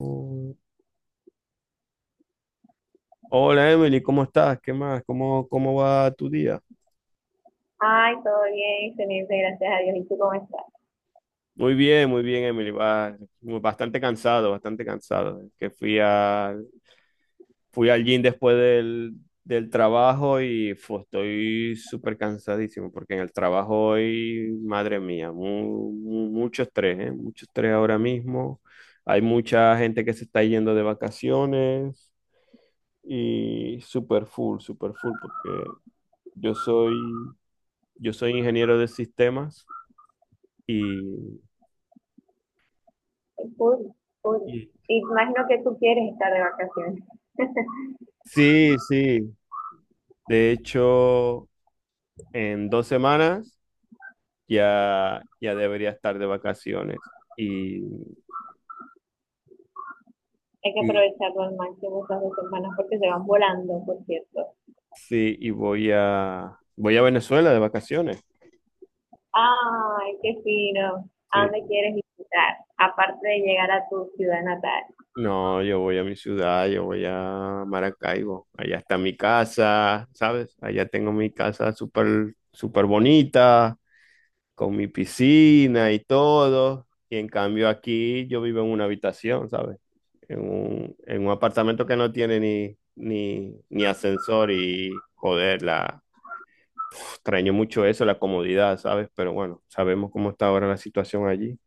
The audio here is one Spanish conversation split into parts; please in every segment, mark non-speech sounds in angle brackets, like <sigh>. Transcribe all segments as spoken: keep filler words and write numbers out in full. Mm. Hola Emily, ¿cómo estás? ¿Qué más? ¿Cómo, cómo va tu día? Ay, todo bien, excelente, gracias a Dios. ¿Y tú cómo estás? Muy bien, muy bien, Emily. Va, bastante cansado, bastante cansado. Que fui al, fui al gym después del, del trabajo y fu, estoy súper cansadísimo porque en el trabajo hoy, madre mía, mu- mu- mucho estrés, ¿eh? Mucho estrés ahora mismo. Hay mucha gente que se está yendo de vacaciones y súper full, súper full porque yo soy Yo soy ingeniero de sistemas. y, Ay, full, full. y- Imagino que tú quieres estar de vacaciones. <laughs> sí, sí. De hecho, en dos semanas ya, ya debería estar de vacaciones. Y, Hay que y- aprovecharlo al máximo estas dos semanas porque se van volando, por cierto. sí, y voy a voy a Venezuela de vacaciones. Ay, qué fino. ¿A dónde Sí. quieres visitar? Aparte de llegar a tu ciudad natal. No, yo voy a mi ciudad, yo voy a Maracaibo. Allá está mi casa, ¿sabes? Allá tengo mi casa súper, súper bonita con mi piscina y todo. Y en cambio aquí yo vivo en una habitación, ¿sabes? En un, en un apartamento que no tiene ni, ni, ni ascensor y joder, la, extraño mucho eso, la comodidad, ¿sabes? Pero bueno, sabemos cómo está ahora la situación allí.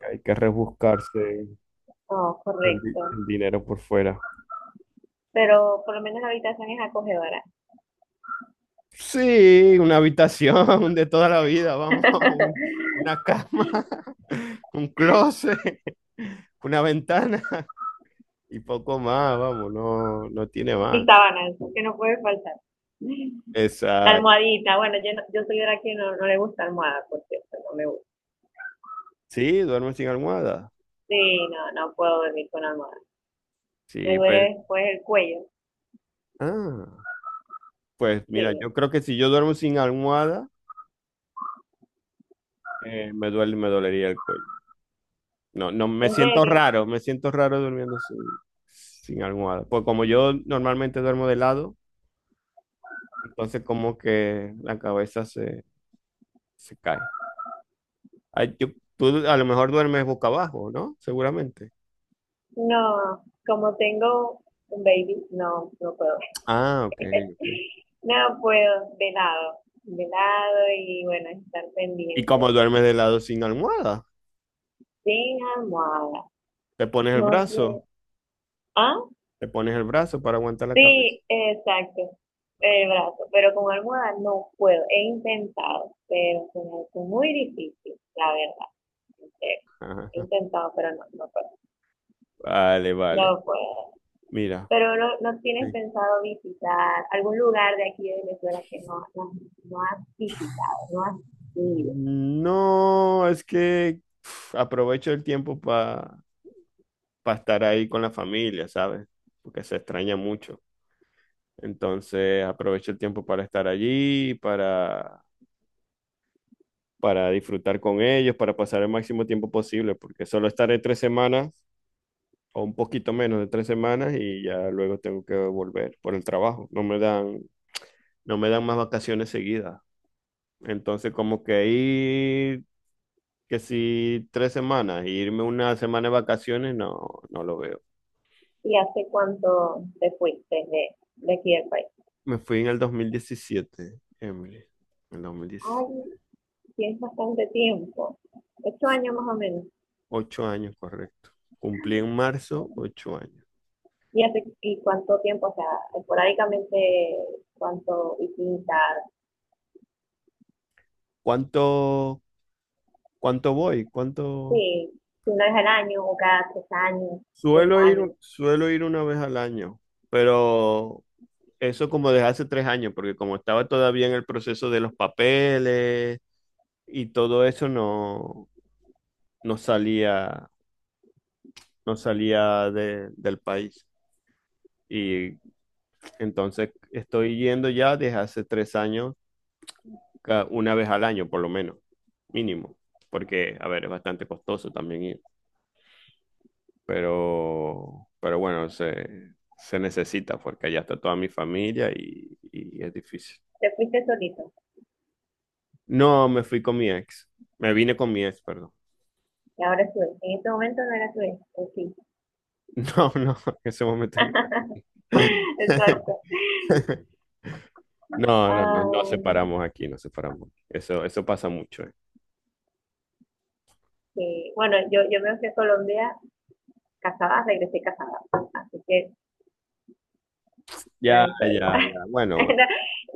Hay que rebuscarse Oh, el, correcto. di- el dinero por fuera. Pero por lo menos la habitación es acogedora. Sí, una habitación <laughs> de toda la vida, vamos, <laughs> un- <laughs> una cama, <laughs> un closet, una ventana. Y poco más, vamos, no, no tiene más. Mis sábanas, que no puede faltar. La Exacto. almohadita. Bueno, yo, no- yo soy de la que no, no le gusta almohada, por cierto, no me gusta. Sí, duerme sin almohada. Sí, no, no puedo dormir con almohada. Me Sí, pues. duele después el cuello. Ah, pues mira, Sí, yo creo que si yo duermo sin almohada, eh, me duele, me dolería el cuello. No, no, me en siento serio. raro, me siento raro durmiendo sin, sin almohada. Pues como yo normalmente duermo de lado, entonces como que la cabeza se, se cae. Ay, yo- tú a lo mejor duermes boca abajo, ¿no? Seguramente. No, como tengo un baby, no, no puedo. Ah, ok, <laughs> ok. No puedo, de lado, de lado y bueno, estar ¿Y pendiente. como duermes de lado sin almohada? Sin almohada. Te pones el No brazo. sé. Ah, Le pones el brazo para aguantar la cabeza. sí, exacto. El brazo, pero con almohada no puedo. He intentado, pero se me hace muy difícil, la verdad. En serio. He Ajá. intentado, pero no, no puedo. Vale, vale. No puedo. Mira. Pero no, no tienes Sí. pensado visitar algún lugar de aquí de Venezuela que no, no, no has visitado, no has ido. No, es que uf, aprovecho el tiempo para estar ahí con la familia, ¿sabes? Porque se extraña mucho. Entonces aprovecho el tiempo para estar allí, para, para disfrutar con ellos, para pasar el máximo tiempo posible, porque solo estaré tres semanas o un poquito menos de tres semanas y ya luego tengo que volver por el trabajo. No me dan, no me dan más vacaciones seguidas. Entonces, como que ir, que si tres semanas, e irme una semana de vacaciones, no, no lo veo. ¿Y hace cuánto te fuiste de, de aquí del país? Me fui en el dos mil diecisiete, Emily, en el dos mil diecisiete. Ay, tienes bastante tiempo, ocho años más o menos. Ocho años, correcto. Cumplí en marzo, ocho años. ¿Y, hace, y cuánto tiempo? O sea, esporádicamente, ¿cuánto visitas? ¿Cuánto, cuánto voy? ¿Cuánto? Sí, una vez al año o cada tres años, dos Suelo ir, años. suelo ir una vez al año, pero eso como desde hace tres años, porque como estaba todavía en el proceso de los papeles y todo eso, no, no salía no salía de- del país. Y entonces estoy yendo ya desde hace tres años, ca- una vez al año por lo menos, mínimo, porque, a ver, es bastante costoso también ir, pero, pero bueno, se, se necesita porque allá está toda mi familia y, y es difícil. Te fuiste solito No, me fui con mi ex, me vine con mi ex, perdón. y ahora sube. En este momento no era sube, o sí. <laughs> No, no, en ese momento no <laughs> era. <laughs> Exacto. No, no, no, Ah, nos separamos aquí, nos separamos. Eso, eso pasa mucho, ¿eh? sí. Bueno, yo, yo me fui a Colombia casada, regresé casada, así que no Ya, hay ya, problema. ya. Bueno, <laughs> bueno. No,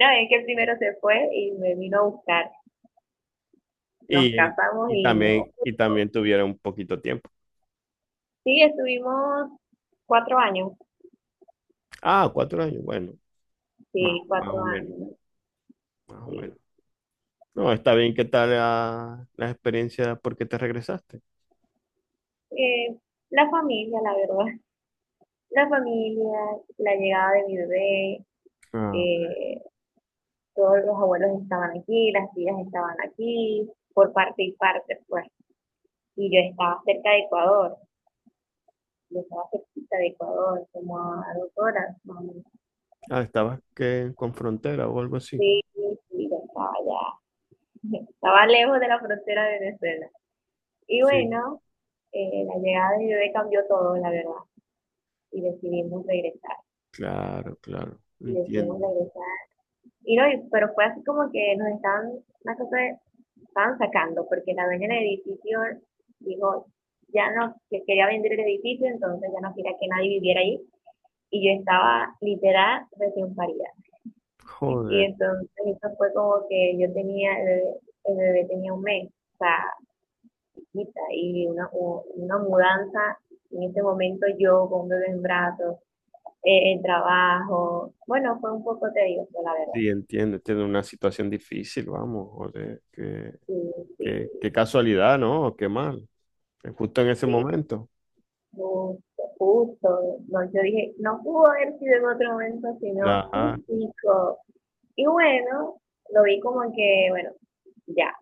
no, es que el primero se fue y me vino a buscar. Nos Y, casamos y y no. también, y también tuvieron un poquito tiempo. Sí, estuvimos cuatro años, Ah, cuatro años. Bueno, más, sí, más cuatro o menos, años. más o Sí. menos. No, está bien. ¿Qué tal la, la experiencia? ¿Por qué te regresaste? Eh, la familia, la verdad, la familia, la llegada de mi bebé, Ah, eh, todos los abuelos estaban aquí, las tías estaban aquí, por parte y parte, pues. Y yo estaba cerca de Ecuador, yo estaba cerquita de Ecuador, como a dos horas, más o menos. ah, estabas que con frontera o algo así. Sí, sí, yo estaba ya, <laughs> estaba lejos de la frontera de Venezuela. Y Sí, bueno, eh, la llegada de bebé cambió todo, la verdad, y decidimos regresar, claro, claro. y decidimos Entiendo. regresar. Y no, y- pero fue así como que nos estaban, una cosa, de- estaban sacando, porque la dueña del edificio dijo, ya no, que quería vender el edificio, entonces ya no quería que nadie viviera ahí, y yo estaba literal recién parida. Y Joder. entonces eso fue como que yo tenía, el bebé, el bebé tenía un mes, o sea, chiquita, y una, u- una mudanza. En ese momento yo con un bebé en brazos, eh, el trabajo, bueno, fue un poco tedioso, la verdad. Sí, entiendo. Tiene una situación difícil, vamos. Joder. Qué, Sí, sí, qué, qué casualidad, ¿no? Qué mal. Justo en ese sí, momento. justo, justo. No, yo dije, no pudo haber sido en otro momento, sino Ajá. justico. Y bueno, lo vi como que, bueno, ya,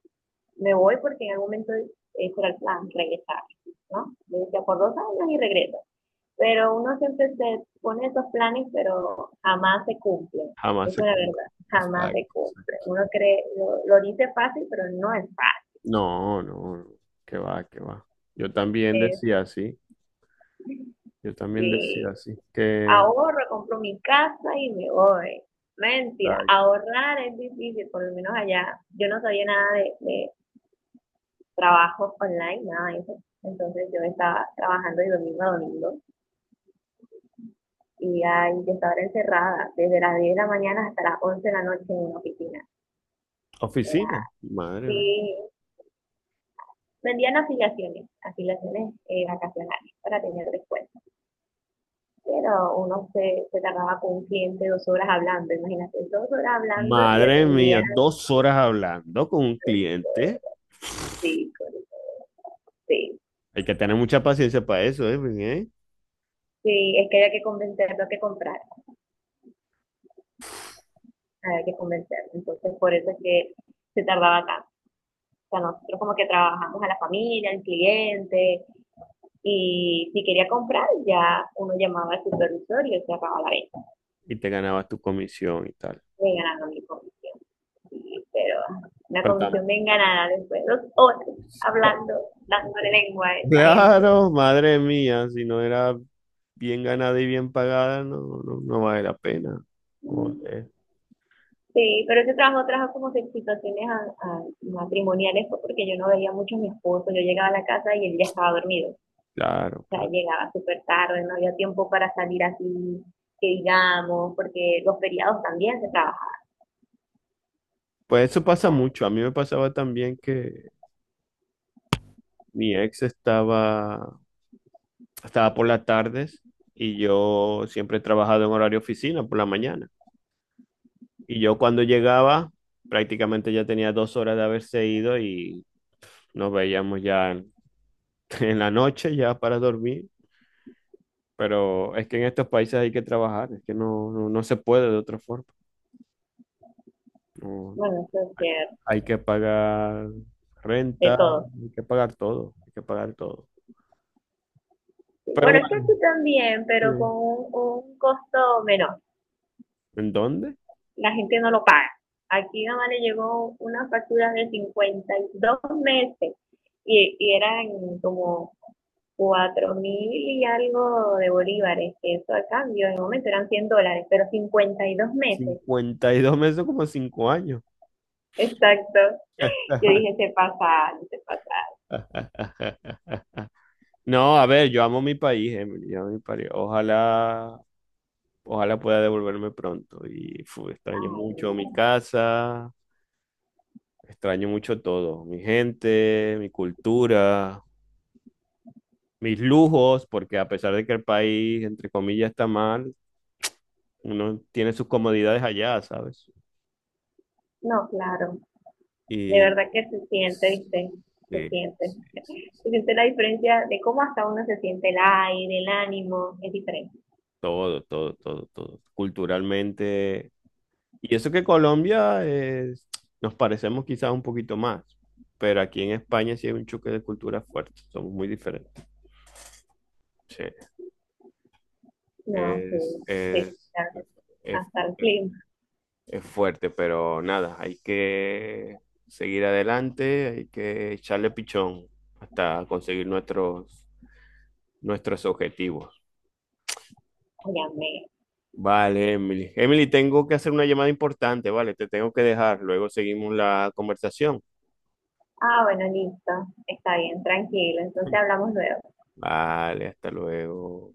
me voy porque en algún momento ese era el plan, regresar, ¿no? Yo decía, por dos años y regreso. Pero uno siempre se pone esos planes, pero jamás se cumplen. Jamás Eso se es la compra. verdad, jamás Exacto, se cumple. exacto. Uno cree, lo, lo dice fácil, pero no es No, no, no. Qué va, qué va. Yo también fácil. decía así. Yo también decía Este, así. Que. ahorro, compro mi casa y me voy. Mentira, Exacto. ahorrar es difícil, por lo menos allá. Yo no sabía nada de, de trabajo online, nada de eso. Entonces yo estaba trabajando de domingo a domingo y ay, yo estaba encerrada desde las diez de la mañana hasta las once de la noche en una oficina. Era Oficina. Madre mía. así. Vendían afiliaciones, afiliaciones eh, vacacionales para tener descuento. Pero uno se, se tardaba con un cliente dos horas hablando, imagínate, dos horas hablando y Madre mía, atendían, dos horas hablando con un cliente. sí, pues, sí, Hay que tener mucha paciencia para eso, ¿eh? Pues, ¿eh? sí, es que había que convencerlo a que comprar, había que convencerlo. Entonces, por eso es que se tardaba tanto. O sea, nosotros como que trabajamos a la familia, al cliente, y si quería comprar, ya uno llamaba al supervisor y él cerraba la venta. Y te ganabas tu comisión y tal. Me ganaron mi comisión. Sí, pero una Pero tam- comisión bien ganada después de dos horas hablando, dándole lengua a esa gente. Claro, madre mía, si no era bien ganada y bien pagada, no, no, no vale la pena. Joder, Sí, pero ese trabajo trajo como situaciones a- a- matrimoniales fue porque yo no veía mucho a mi esposo. Yo llegaba a la casa y él ya estaba dormido. O claro, sea, claro. llegaba súper tarde, no había tiempo para salir así, que digamos, porque los feriados también se trabajan. Pues eso pasa mucho. A mí me pasaba también que mi ex estaba, estaba por las tardes y yo siempre he trabajado en horario oficina por la mañana. Y yo cuando llegaba, prácticamente ya tenía dos horas de haberse ido y nos veíamos ya en, <laughs> en la noche, ya para dormir. Pero es que en estos países hay que trabajar, es que no, no, no se puede de otra forma. No, Bueno, eso es ser hay que pagar de renta, todo. hay que pagar todo, hay que pagar todo. Sí, Pero bueno, es que bueno, aquí también, pero con sí. un, un costo menor. ¿En dónde? La gente no lo paga. Aquí nada más le llegó una factura de cincuenta y dos meses y, y eran como cuatro mil y algo de bolívares. Eso a cambio, en el momento eran cien dólares, pero cincuenta y dos meses. Cincuenta y dos meses, como cinco años. Exacto. Yo dije, se pasa, se pasa. <laughs> No, a ver, yo amo mi país, Emily, yo amo mi país. Ojalá, ojalá pueda devolverme pronto. Y fu, extraño Ay, mucho mi casa, extraño mucho todo, mi gente, mi cultura, mis lujos, porque a pesar de que el país, entre comillas, está mal, uno tiene sus comodidades allá, ¿sabes? no, claro. Y De verdad que se siente, sí, ¿viste? Se sí, siente. sí, sí, sí. Se siente la diferencia de cómo hasta uno se siente el aire, el ánimo, es diferente. Todo, todo, todo, todo. Culturalmente. Y eso que Colombia es- nos parecemos quizás un poquito más, pero aquí en España sí hay un choque de culturas fuerte, somos muy diferentes. Sí, No, sí, es, sí, es, claro que sí. es, Hasta el clima. es fuerte, pero nada, hay que seguir adelante, hay que echarle pichón hasta conseguir nuestros, nuestros objetivos. Óyame. Vale, Emily. Emily, tengo que hacer una llamada importante, vale, te tengo que dejar, luego seguimos la conversación. Ah, bueno, listo. Está bien, tranquilo. Entonces <laughs> hablamos luego. Vale, hasta luego.